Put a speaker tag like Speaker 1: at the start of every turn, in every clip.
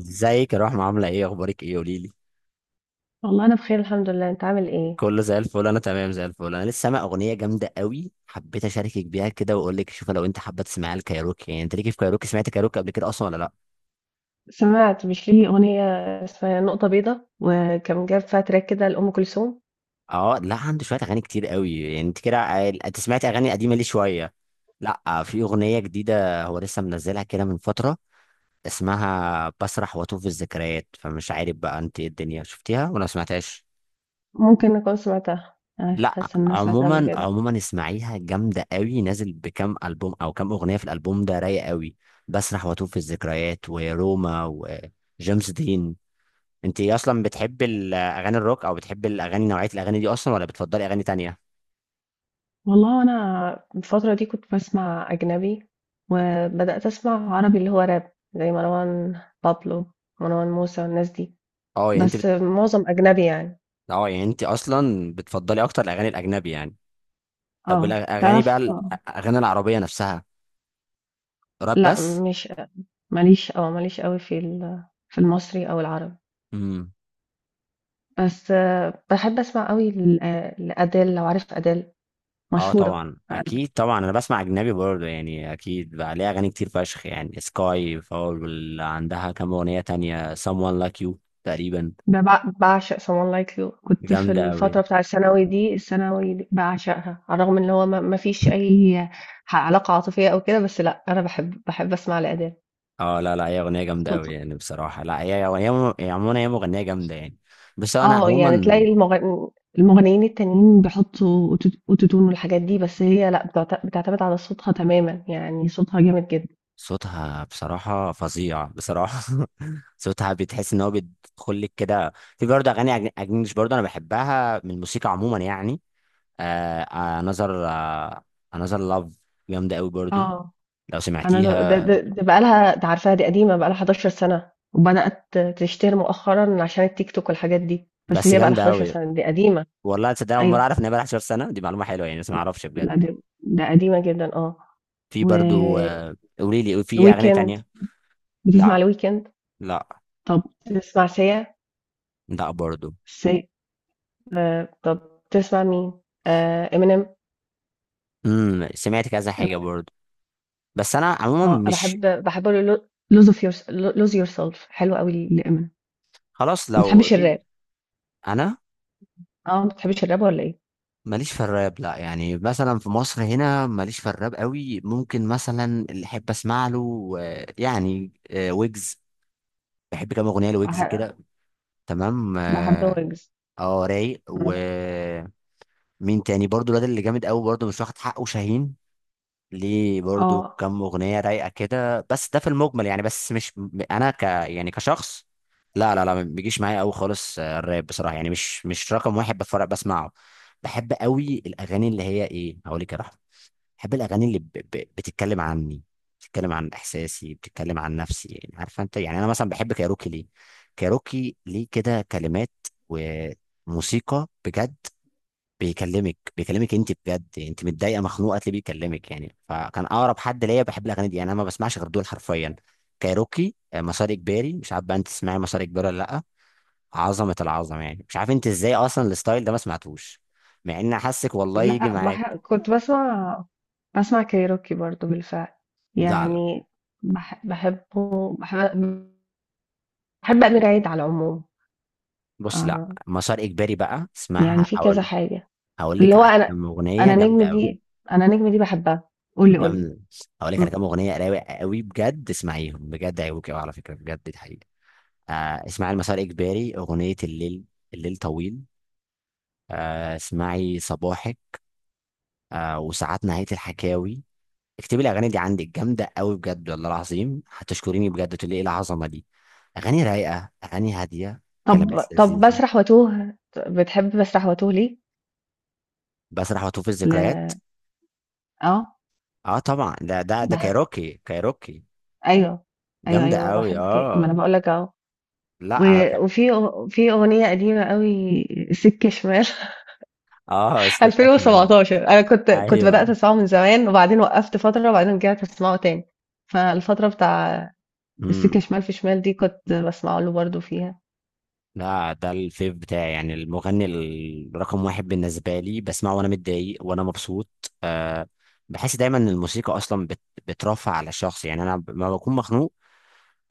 Speaker 1: ازيك يا رحمة، عاملة ايه؟ اخبارك ايه قوليلي.
Speaker 2: والله أنا بخير الحمد لله، أنت عامل إيه؟
Speaker 1: كله زي الفل، انا تمام زي الفل. انا لسه سامع اغنية جامدة قوي، حبيت اشاركك بيها كده واقول لك شوف، لو انت حابة تسمعيها الكايروكي. انت ليكي في كايروكي؟ سمعت كايروكي قبل كده اصلا ولا لا؟
Speaker 2: سمعت، مش ليه أغنية اسمها نقطة بيضة وكان جاب فيها تراك كده لأم كلثوم؟
Speaker 1: اه لا، عنده شوية اغاني كتير قوي. انت كده انت سمعت اغاني قديمة ليه شوية. لا، في اغنية جديدة هو لسه منزلها كده من فترة، اسمها بسرح واتوه في الذكريات. فمش عارف بقى انت ايه الدنيا، شفتيها ولا ما سمعتهاش؟
Speaker 2: ممكن أكون سمعتها، أنا
Speaker 1: لا
Speaker 2: حاسة إن أنا سمعتها قبل
Speaker 1: عموما
Speaker 2: كده.
Speaker 1: عموما اسمعيها جامده قوي. نازل بكام البوم او كام اغنيه في الالبوم ده رايق قوي: بسرح واتوه في الذكريات، وروما، وجيمس دين. انت اصلا بتحب الاغاني الروك، او بتحب الاغاني نوعيه الاغاني دي اصلا، ولا بتفضلي اغاني تانية؟
Speaker 2: والله أنا الفترة دي كنت بسمع أجنبي، وبدأت أسمع عربي اللي هو راب زي مروان بابلو، مروان موسى والناس دي.
Speaker 1: اه،
Speaker 2: بس معظم أجنبي يعني.
Speaker 1: اه، انت اصلا بتفضلي اكتر الاغاني الاجنبي يعني. طب
Speaker 2: اه
Speaker 1: الاغاني بقى،
Speaker 2: تعرف.
Speaker 1: الاغاني العربيه نفسها؟ راب
Speaker 2: لا،
Speaker 1: بس؟
Speaker 2: مش، ماليش، اه ماليش قوي في المصري أو العربي.
Speaker 1: امم.
Speaker 2: بس باحب أسمع أوي لأديل لو عارف أديل.
Speaker 1: اه
Speaker 2: مشهورة،
Speaker 1: طبعا، اكيد طبعا، انا بسمع اجنبي برضه. يعني اكيد بقى ليها اغاني كتير فشخ، يعني سكاي فاول، واللي عندها كام اغنيه تانية، someone like you تقريبا.
Speaker 2: ب باع باعشق Someone Like You. كنت في
Speaker 1: جامده قوي.
Speaker 2: الفترة بتاع الثانوي دي باعشقها، على الرغم إن هو ما فيش أي علاقة عاطفية أو كده، بس لأ أنا باحب أسمع لأديل.
Speaker 1: اه لا لا، هي اغنيه جامده قوي
Speaker 2: صوتها
Speaker 1: يعني بصراحه. لا هي هي هي عموما هي مغنيه جامده يعني. بس انا
Speaker 2: آه، يعني
Speaker 1: عموما
Speaker 2: تلاقي المغنيين التانيين بيحطوا أوتوتون والحاجات دي، بس هي لأ بتعتمد على صوتها تمامًا، يعني صوتها جامد جدًا.
Speaker 1: صوتها بصراحه فظيع بصراحه. صوتها بتحس ان هو بيدخل لك كده. في برضه اغاني اجنبي برضه انا بحبها، من الموسيقى عموما يعني. آه، انذر، انذر لاف، جامده قوي برضو
Speaker 2: آه.
Speaker 1: لو
Speaker 2: أنا ده
Speaker 1: سمعتيها.
Speaker 2: ده ده بقى لها، ده عارفاها دي قديمة، بقى لها 11 سنة وبدأت تشتهر مؤخرا عشان التيك توك والحاجات دي. بس
Speaker 1: بس
Speaker 2: هي بقى لها
Speaker 1: جامده
Speaker 2: 11
Speaker 1: قوي.
Speaker 2: سنة، دي قديمة.
Speaker 1: والله تصدق أول مرة
Speaker 2: أيوه.
Speaker 1: أعرف إن هي بقى 11 سنة، دي معلومة حلوة يعني بس ما أعرفش بجد.
Speaker 2: لا ده، ده قديمة جدا اه.
Speaker 1: في برضو
Speaker 2: وويكند،
Speaker 1: آه، قولي لي في أغنية تانية.
Speaker 2: بتسمع
Speaker 1: لا،
Speaker 2: الويكند؟
Speaker 1: لا،
Speaker 2: طب بتسمع سيا؟
Speaker 1: لا برضو.
Speaker 2: سيا. طب بتسمع مين؟ آه امينيم.
Speaker 1: امم، سمعت كذا حاجة برضو بس أنا عموما
Speaker 2: اه
Speaker 1: مش.
Speaker 2: بحب له، لوز اوف يور، لوز يور سيلف، حلو قوي لامينيم.
Speaker 1: خلاص
Speaker 2: ما
Speaker 1: لو
Speaker 2: بتحبش
Speaker 1: قولي لي.
Speaker 2: الراب؟
Speaker 1: أنا
Speaker 2: اه، ما بتحبش الراب ولا ايه؟
Speaker 1: ماليش في الراب، لا. يعني مثلا في مصر هنا ماليش في الراب قوي. ممكن مثلا اللي أحب أسمع له آه، آه، ويجز. بحب كام أغنية لويجز
Speaker 2: بح-
Speaker 1: كده. تمام
Speaker 2: بحب
Speaker 1: اه.
Speaker 2: ويجز.
Speaker 1: آه، رايق. ومين تاني برضو؟ الواد اللي جامد قوي برضو مش واخد حقه، شاهين. ليه برضو
Speaker 2: اه
Speaker 1: كام اغنيه رايقه كده، بس ده في المجمل يعني بس مش. انا ك يعني كشخص، لا لا لا، ما بيجيش معايا قوي خالص. آه، الراب بصراحه مش، مش رقم واحد بتفرج بسمعه. بحب قوي الاغاني اللي هي ايه هقول لك يا رحمة. بحب الاغاني بتتكلم عني، بتتكلم عن احساسي، بتتكلم عن نفسي. يعني عارفه انت، انا مثلا بحب كايروكي ليه؟ كايروكي ليه كده كلمات وموسيقى بجد. بيكلمك انت بجد. انت متضايقه مخنوقه تلاقيه بيكلمك، يعني فكان اقرب حد ليا. بحب الاغاني دي، يعني انا ما بسمعش غير دول حرفيا: كايروكي، آه، مسار اجباري. مش عارف بقى انت تسمعي مسار اجباري ولا لا؟ عظمه، العظمه يعني. مش عارف انت ازاي اصلا الستايل ده ما سمعتوش، مع ان حاسك والله يجي
Speaker 2: لأ،
Speaker 1: معاك.
Speaker 2: كنت باسمع، باسمع كايروكي برضه بالفعل،
Speaker 1: لا لا.
Speaker 2: يعني باح باحبه باح باحب أمير عيد على العموم،
Speaker 1: بص، لا
Speaker 2: آه،
Speaker 1: مسار اجباري بقى
Speaker 2: يعني
Speaker 1: اسمعها.
Speaker 2: في كذا
Speaker 1: هقول،
Speaker 2: حاجة،
Speaker 1: هقول
Speaker 2: اللي
Speaker 1: لك
Speaker 2: هو
Speaker 1: على
Speaker 2: أنا،
Speaker 1: كام اغنيه
Speaker 2: أنا
Speaker 1: جامده
Speaker 2: نجم
Speaker 1: قوي.
Speaker 2: دي أنا نجم دي باحبها، قُل لي،
Speaker 1: جامده. هقول لك على
Speaker 2: إمم،
Speaker 1: كام اغنيه رايقه قوي بجد، اسمعيهم بجد هيعجبوك قوي على فكره، بجد دي حقيقه. آه اسمعي المسار اجباري، اغنيه الليل. الليل طويل. آه اسمعي صباحك. آه، وساعات نهايه الحكاوي. اكتبي الاغاني دي عندك، جامده قوي بجد، والله العظيم هتشكريني بجد، تقولي ايه العظمه دي. اغاني رايقه، اغاني هاديه،
Speaker 2: طب
Speaker 1: كلمات
Speaker 2: طب
Speaker 1: لذيذه،
Speaker 2: باسرح واتوه، بتحب باسرح واتوه ليه؟
Speaker 1: بسرح واتوه في
Speaker 2: ل
Speaker 1: الذكريات.
Speaker 2: آه،
Speaker 1: اه طبعا، ده
Speaker 2: باح
Speaker 1: كايروكي، كايروكي.
Speaker 2: أيوه،
Speaker 1: جامدة
Speaker 2: أيوه
Speaker 1: قوي
Speaker 2: باحب ك، ما أنا
Speaker 1: اه.
Speaker 2: باقول لك أهو، و
Speaker 1: لا انا كان.
Speaker 2: وفي أغ في أغنية قديمة أوي سِكة شمال
Speaker 1: اه، سكة شمال.
Speaker 2: 2017. أنا كنت بدأت
Speaker 1: ايوه.
Speaker 2: أسمعه من زمان وبعدين وقفت فترة وبعدين رجعت أسمعه تاني. فالفترة بتاع السكة
Speaker 1: امم.
Speaker 2: شمال، في شمال دي كنت بسمعه له برضه فيها.
Speaker 1: لا، ده الفيف بتاعي، يعني المغني الرقم واحد بالنسبة لي. بسمعه وانا متضايق وانا مبسوط. أه، بحس دايما ان الموسيقى اصلا بترفع على الشخص. يعني انا لما بكون مخنوق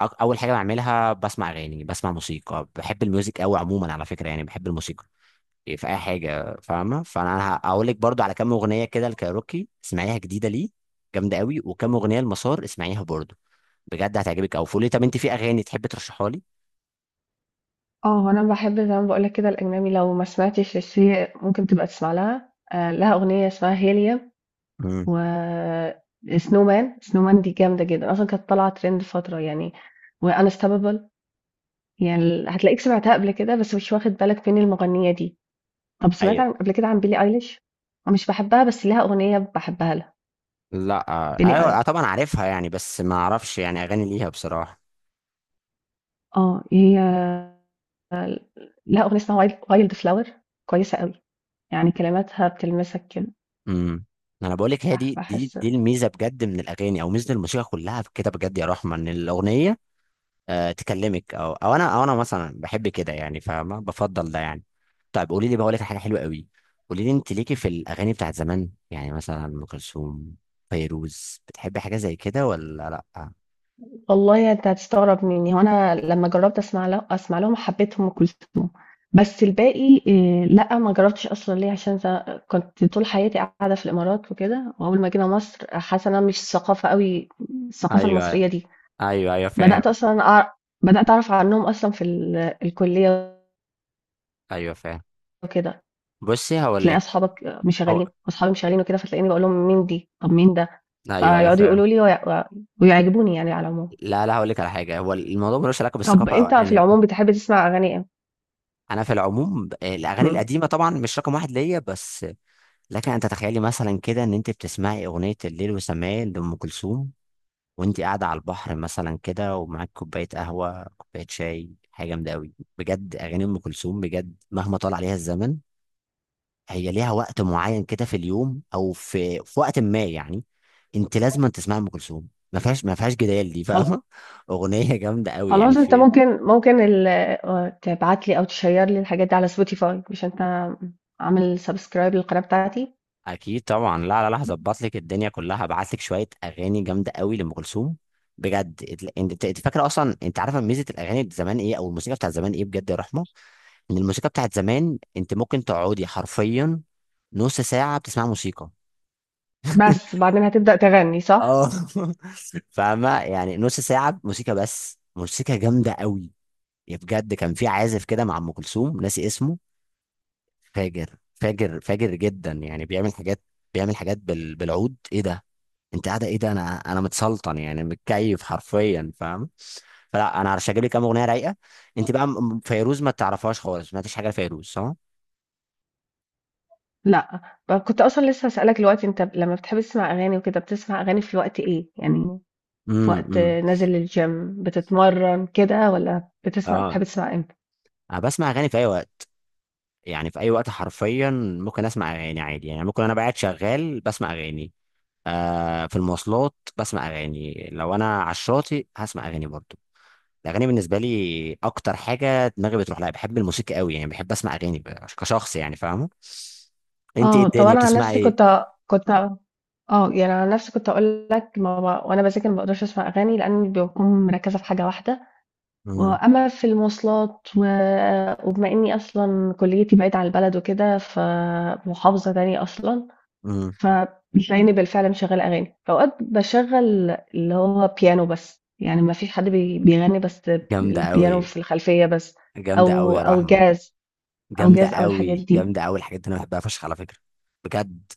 Speaker 1: اول حاجة بعملها بسمع اغاني، بسمع موسيقى. بحب الميوزك قوي عموما على فكرة، يعني بحب الموسيقى. إيه، في اي حاجة فاهمة؟ فانا هقول لك برضو على كام اغنية كده، الكايروكي اسمعيها جديدة ليه جامدة قوي، وكام اغنية المسار اسمعيها برضو، بجد هتعجبك قوي. فقولي، طب انت في اغاني تحب ترشحها لي؟
Speaker 2: اه أنا بحب زي ما بقولك كده الأجنبي، لو ما سمعتش الشيء ممكن تبقى تسمع لها آه، لها أغنية اسمها هيليا
Speaker 1: مم.
Speaker 2: و سنو مان دي جامدة جدا، أصلا كانت طالعة ترند فترة يعني. وانستاببل، يعني هتلاقيك سمعتها قبل كده بس مش واخد بالك مين المغنية دي. طب سمعت
Speaker 1: ايوه.
Speaker 2: عن قبل كده عن billie eilish؟ مش باحبها بس ليها أغنية باحبها لها.
Speaker 1: لا آه،
Speaker 2: بيلي
Speaker 1: ايوه آه،
Speaker 2: ايل
Speaker 1: طبعا عارفها يعني، بس ما اعرفش يعني اغاني ليها بصراحه.
Speaker 2: آه هي لها أغنية اسمها wild wild flower، كويسة أوي، يعني كلماتها بتلمسك كده.
Speaker 1: امم. انا بقول لك، هي
Speaker 2: بح-
Speaker 1: دي دي
Speaker 2: بحس
Speaker 1: دي الميزه بجد من الاغاني، او ميزه الموسيقى كلها كده بجد يا رحمه، ان الاغنيه آه تكلمك، او انا مثلا بحب كده يعني، فاهمه؟ بفضل ده يعني. طيب قولي لي بقى، اقول لك حاجه حلوه قوي. قولي لي انت ليكي في الاغاني بتاعت زمان؟ يعني مثلا ام كلثوم، فيروز، بتحبي حاجه زي كده ولا لا؟
Speaker 2: والله انت هتستغرب مني، هو انا لما جربت اسمع له، اسمع لهم، حبيتهم وكلثوم. بس الباقي إيه، لا ما جربتش اصلا. ليه؟ عشان كنت طول حياتي قاعده في الامارات وكده، واول ما جينا مصر حاسه إن انا مش ثقافه قوي الثقافه
Speaker 1: ايوه،
Speaker 2: المصريه دي.
Speaker 1: ايوه ايوه
Speaker 2: بدأت
Speaker 1: فاهم.
Speaker 2: أصلًا أع بدأت أعرف عنّهم أصلًا في الكُلّية
Speaker 1: ايوه فاهم.
Speaker 2: وكده،
Speaker 1: بصي هقول
Speaker 2: تلاقي
Speaker 1: لك.
Speaker 2: أصحابك مشغّلين
Speaker 1: هو،
Speaker 2: وأصحابي مشغّلين وكده، فتلاقيني باقول لهم مين دي؟ طَب مين ده؟
Speaker 1: ايوه ايوه
Speaker 2: فيقعدوا
Speaker 1: فاهم.
Speaker 2: يقولوا لي وي و ويعجبوني يعني على العموم.
Speaker 1: لا لا، هقول لك على حاجه، هو الموضوع ملوش علاقه
Speaker 2: طَب
Speaker 1: بالثقافه او
Speaker 2: أنت
Speaker 1: ايا
Speaker 2: في
Speaker 1: يكن.
Speaker 2: العموم بتحب تسمع أغاني إمتى؟
Speaker 1: انا في العموم الاغاني
Speaker 2: إمم،
Speaker 1: القديمه طبعا مش رقم واحد ليا بس، لكن انت تخيلي مثلا كده، ان انت بتسمعي اغنيه الليل وسماه لام كلثوم وانت قاعده على البحر مثلا كده، ومعاك كوبايه قهوه، كوبايه شاي، حاجه جامده قوي بجد. اغاني ام كلثوم بجد مهما طال عليها الزمن، هي ليها وقت معين كده في اليوم او في وقت ما يعني. انت لازم تسمع ام كلثوم. ما فيهاش جدال دي،
Speaker 2: خل
Speaker 1: فاهمه؟ اغنيه جامده قوي يعني.
Speaker 2: خلاص أنت
Speaker 1: في،
Speaker 2: ممكن، ممكن ال آه، تبعت لي أو تشيّر لي الحاجات دي على spotify؟ مش أنت عامل subscribe للقناة بتاعتي؟
Speaker 1: اكيد طبعا، لا لا لا، هظبط لك الدنيا كلها. هبعت لك شويه اغاني جامده قوي لام كلثوم بجد. انت، انت فاكره اصلا، انت عارفه ميزه الاغاني بتاع زمان ايه، او الموسيقى بتاعت زمان ايه بجد يا رحمه؟ ان الموسيقى بتاعت زمان انت ممكن تقعدي حرفيا نص ساعه بتسمعي موسيقى.
Speaker 2: بس، وبعدين هتبدأ تغني صح؟
Speaker 1: اه. فاهمة؟ يعني نص ساعة موسيقى بس، موسيقى جامدة قوي يا بجد. كان في عازف كده مع أم كلثوم ناسي اسمه، فاجر جدا يعني. بيعمل حاجات، بيعمل حاجات بالعود، ايه ده؟ انت قاعدة ايه ده، انا متسلطن يعني، متكيف حرفيا، فاهم؟ فلا انا هرشجع لي كام اغنية رايقة. انت بقى فيروز ما تعرفهاش خالص، ما سمعتش حاجة لفيروز صح؟
Speaker 2: لأ، كنت أصلًا لسه هاسألك دلوقتي، أنت لمّا بتحب تسمع أغاني وكده، بتسمع أغاني في وقت إيه؟ يعني في
Speaker 1: امم
Speaker 2: وقت
Speaker 1: امم
Speaker 2: نازل الgym بتتمرّن كده، والّا بتسمع،
Speaker 1: اه،
Speaker 2: بتحب تسمع إمتى؟
Speaker 1: انا بسمع اغاني في اي وقت، يعني في اي وقت حرفيا. ممكن اسمع اغاني عادي، يعني ممكن انا قاعد شغال بسمع اغاني، آه في المواصلات بسمع اغاني، لو انا على الشاطئ هسمع اغاني برضو. الاغاني بالنسبه لي اكتر حاجه دماغي بتروح لها. بحب الموسيقى قوي يعني، بحب اسمع اغاني كشخص يعني، فاهمه؟ انت ايه
Speaker 2: آه، طب
Speaker 1: الدنيا
Speaker 2: أنا عن
Speaker 1: بتسمعي
Speaker 2: نفسي
Speaker 1: ايه؟
Speaker 2: كنت آه، يعني عن نفسي كنت هاقول لك، ما ب وأنا باذاكر ما باقدرش أسمع أغاني لإنّي باكون مركّزة في حاجة واحدة،
Speaker 1: امم
Speaker 2: وأمّا في المواصلات وبما إنّي أصلًا كُلّيتي بعيدة عن البلد وكده، فمحافظة تانية أصلًا،
Speaker 1: امم
Speaker 2: فتلاقيني بالفعل مشغّلة أغاني، أوقات باشغّل اللي هو بيانو بس، يعني ما فيش حد بيغنّي بس،
Speaker 1: جامده
Speaker 2: البيانو
Speaker 1: قوي.
Speaker 2: في الخلفية بس،
Speaker 1: جامده قوي
Speaker 2: أو
Speaker 1: يا رحمه.
Speaker 2: jazz أو
Speaker 1: جامده
Speaker 2: jazz أو الحاجات
Speaker 1: قوي،
Speaker 2: دي،
Speaker 1: جامده قوي الحاجات دي انا بحبها فشخ على فكره، بجد.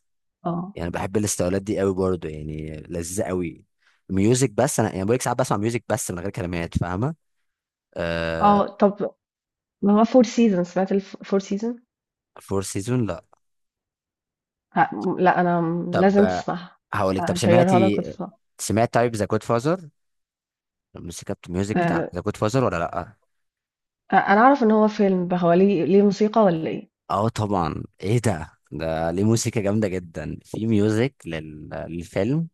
Speaker 2: آه،
Speaker 1: يعني بحب الاستولات دي قوي برضو، يعني لذيذه قوي، ميوزك بس. انا يعني بقولك، ساعات بسمع ميوزك بس من غير كلمات، فاهمه؟ آه.
Speaker 2: آه، طب ما هو Four Seasons، سمعت الف Four Seasons؟
Speaker 1: فور سيزون، لا.
Speaker 2: لأ، لأ أنا
Speaker 1: طب
Speaker 2: لازم
Speaker 1: آه،
Speaker 2: تسمعها،
Speaker 1: هقولك، طب
Speaker 2: هاشيّرها لك
Speaker 1: سمعتي،
Speaker 2: وتسمعها،
Speaker 1: سمعت طيب ذا جود فازر؟ الموسيقى الميوزك بتاع
Speaker 2: آآ،
Speaker 1: ذا جود فازر ولا لا؟
Speaker 2: أنا أعرف إن هو فيلم، هو ليه، موسيقى والّا إيه؟
Speaker 1: اه طبعا ايه ده ليه موسيقى جامده جدا، في ميوزك للفيلم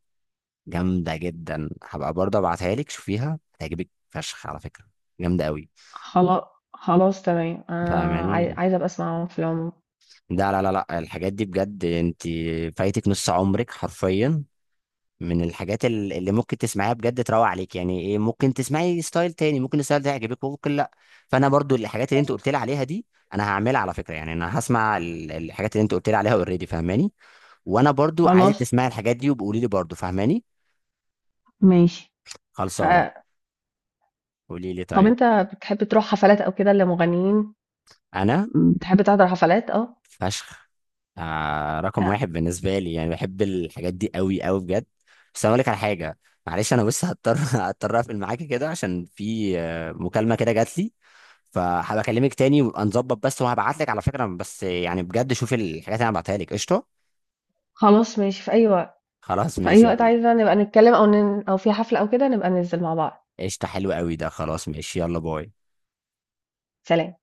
Speaker 1: جامده جدا. هبقى برضه ابعتها لك، شوفيها هتعجبك فشخ على فكره، جامده قوي.
Speaker 2: خلاص تمام، أنا عاي
Speaker 1: فاهماني؟
Speaker 2: عايزة أبقى أسمعه في العموم،
Speaker 1: لا لا لا لا، الحاجات دي بجد انت فايتك نص عمرك حرفيا، من الحاجات اللي ممكن تسمعيها بجد تروق عليك، يعني ايه ممكن تسمعي ستايل تاني، ممكن الستايل ده يعجبك وممكن لا. فانا برضو الحاجات اللي انت قلت لي عليها دي، انا هعملها على فكره، يعني انا هسمع الحاجات اللي انت قلت لي عليها اوريدي، فاهماني؟ وانا برضو عايزك
Speaker 2: خلاص
Speaker 1: تسمعي الحاجات دي وبقولي لي برضو، فاهماني؟
Speaker 2: ماشي، ف
Speaker 1: خلصانه. قولي لي
Speaker 2: طب
Speaker 1: طيب.
Speaker 2: أنت بتحب تروح حفلات أو كده لمغنيين؟
Speaker 1: انا
Speaker 2: بتحب تحضر حفلات؟ آه،
Speaker 1: فشخ، آه رقم
Speaker 2: آه،
Speaker 1: واحد بالنسبة لي يعني، بحب الحاجات دي قوي قوي بجد. بس أنا أقول لك على حاجة، معلش أنا بس هضطر هضطر أقفل معاك كده، عشان في آه، مكالمة كده جات لي، فهبقى أكلمك تاني وابقى نظبط، بس وهبعت لك على فكرة بس، يعني بجد شوف الحاجات اللي أنا بعتها لك قشطة.
Speaker 2: خلاص ماشي في أي وقت،
Speaker 1: خلاص
Speaker 2: في أي
Speaker 1: ماشي
Speaker 2: وقت
Speaker 1: يلا،
Speaker 2: عايزة نبقى نتكلم أو في حفلة أو كده نبقى ننزل مع بعض،
Speaker 1: قشطة حلو قوي ده، خلاص ماشي يلا، باي.
Speaker 2: سلام.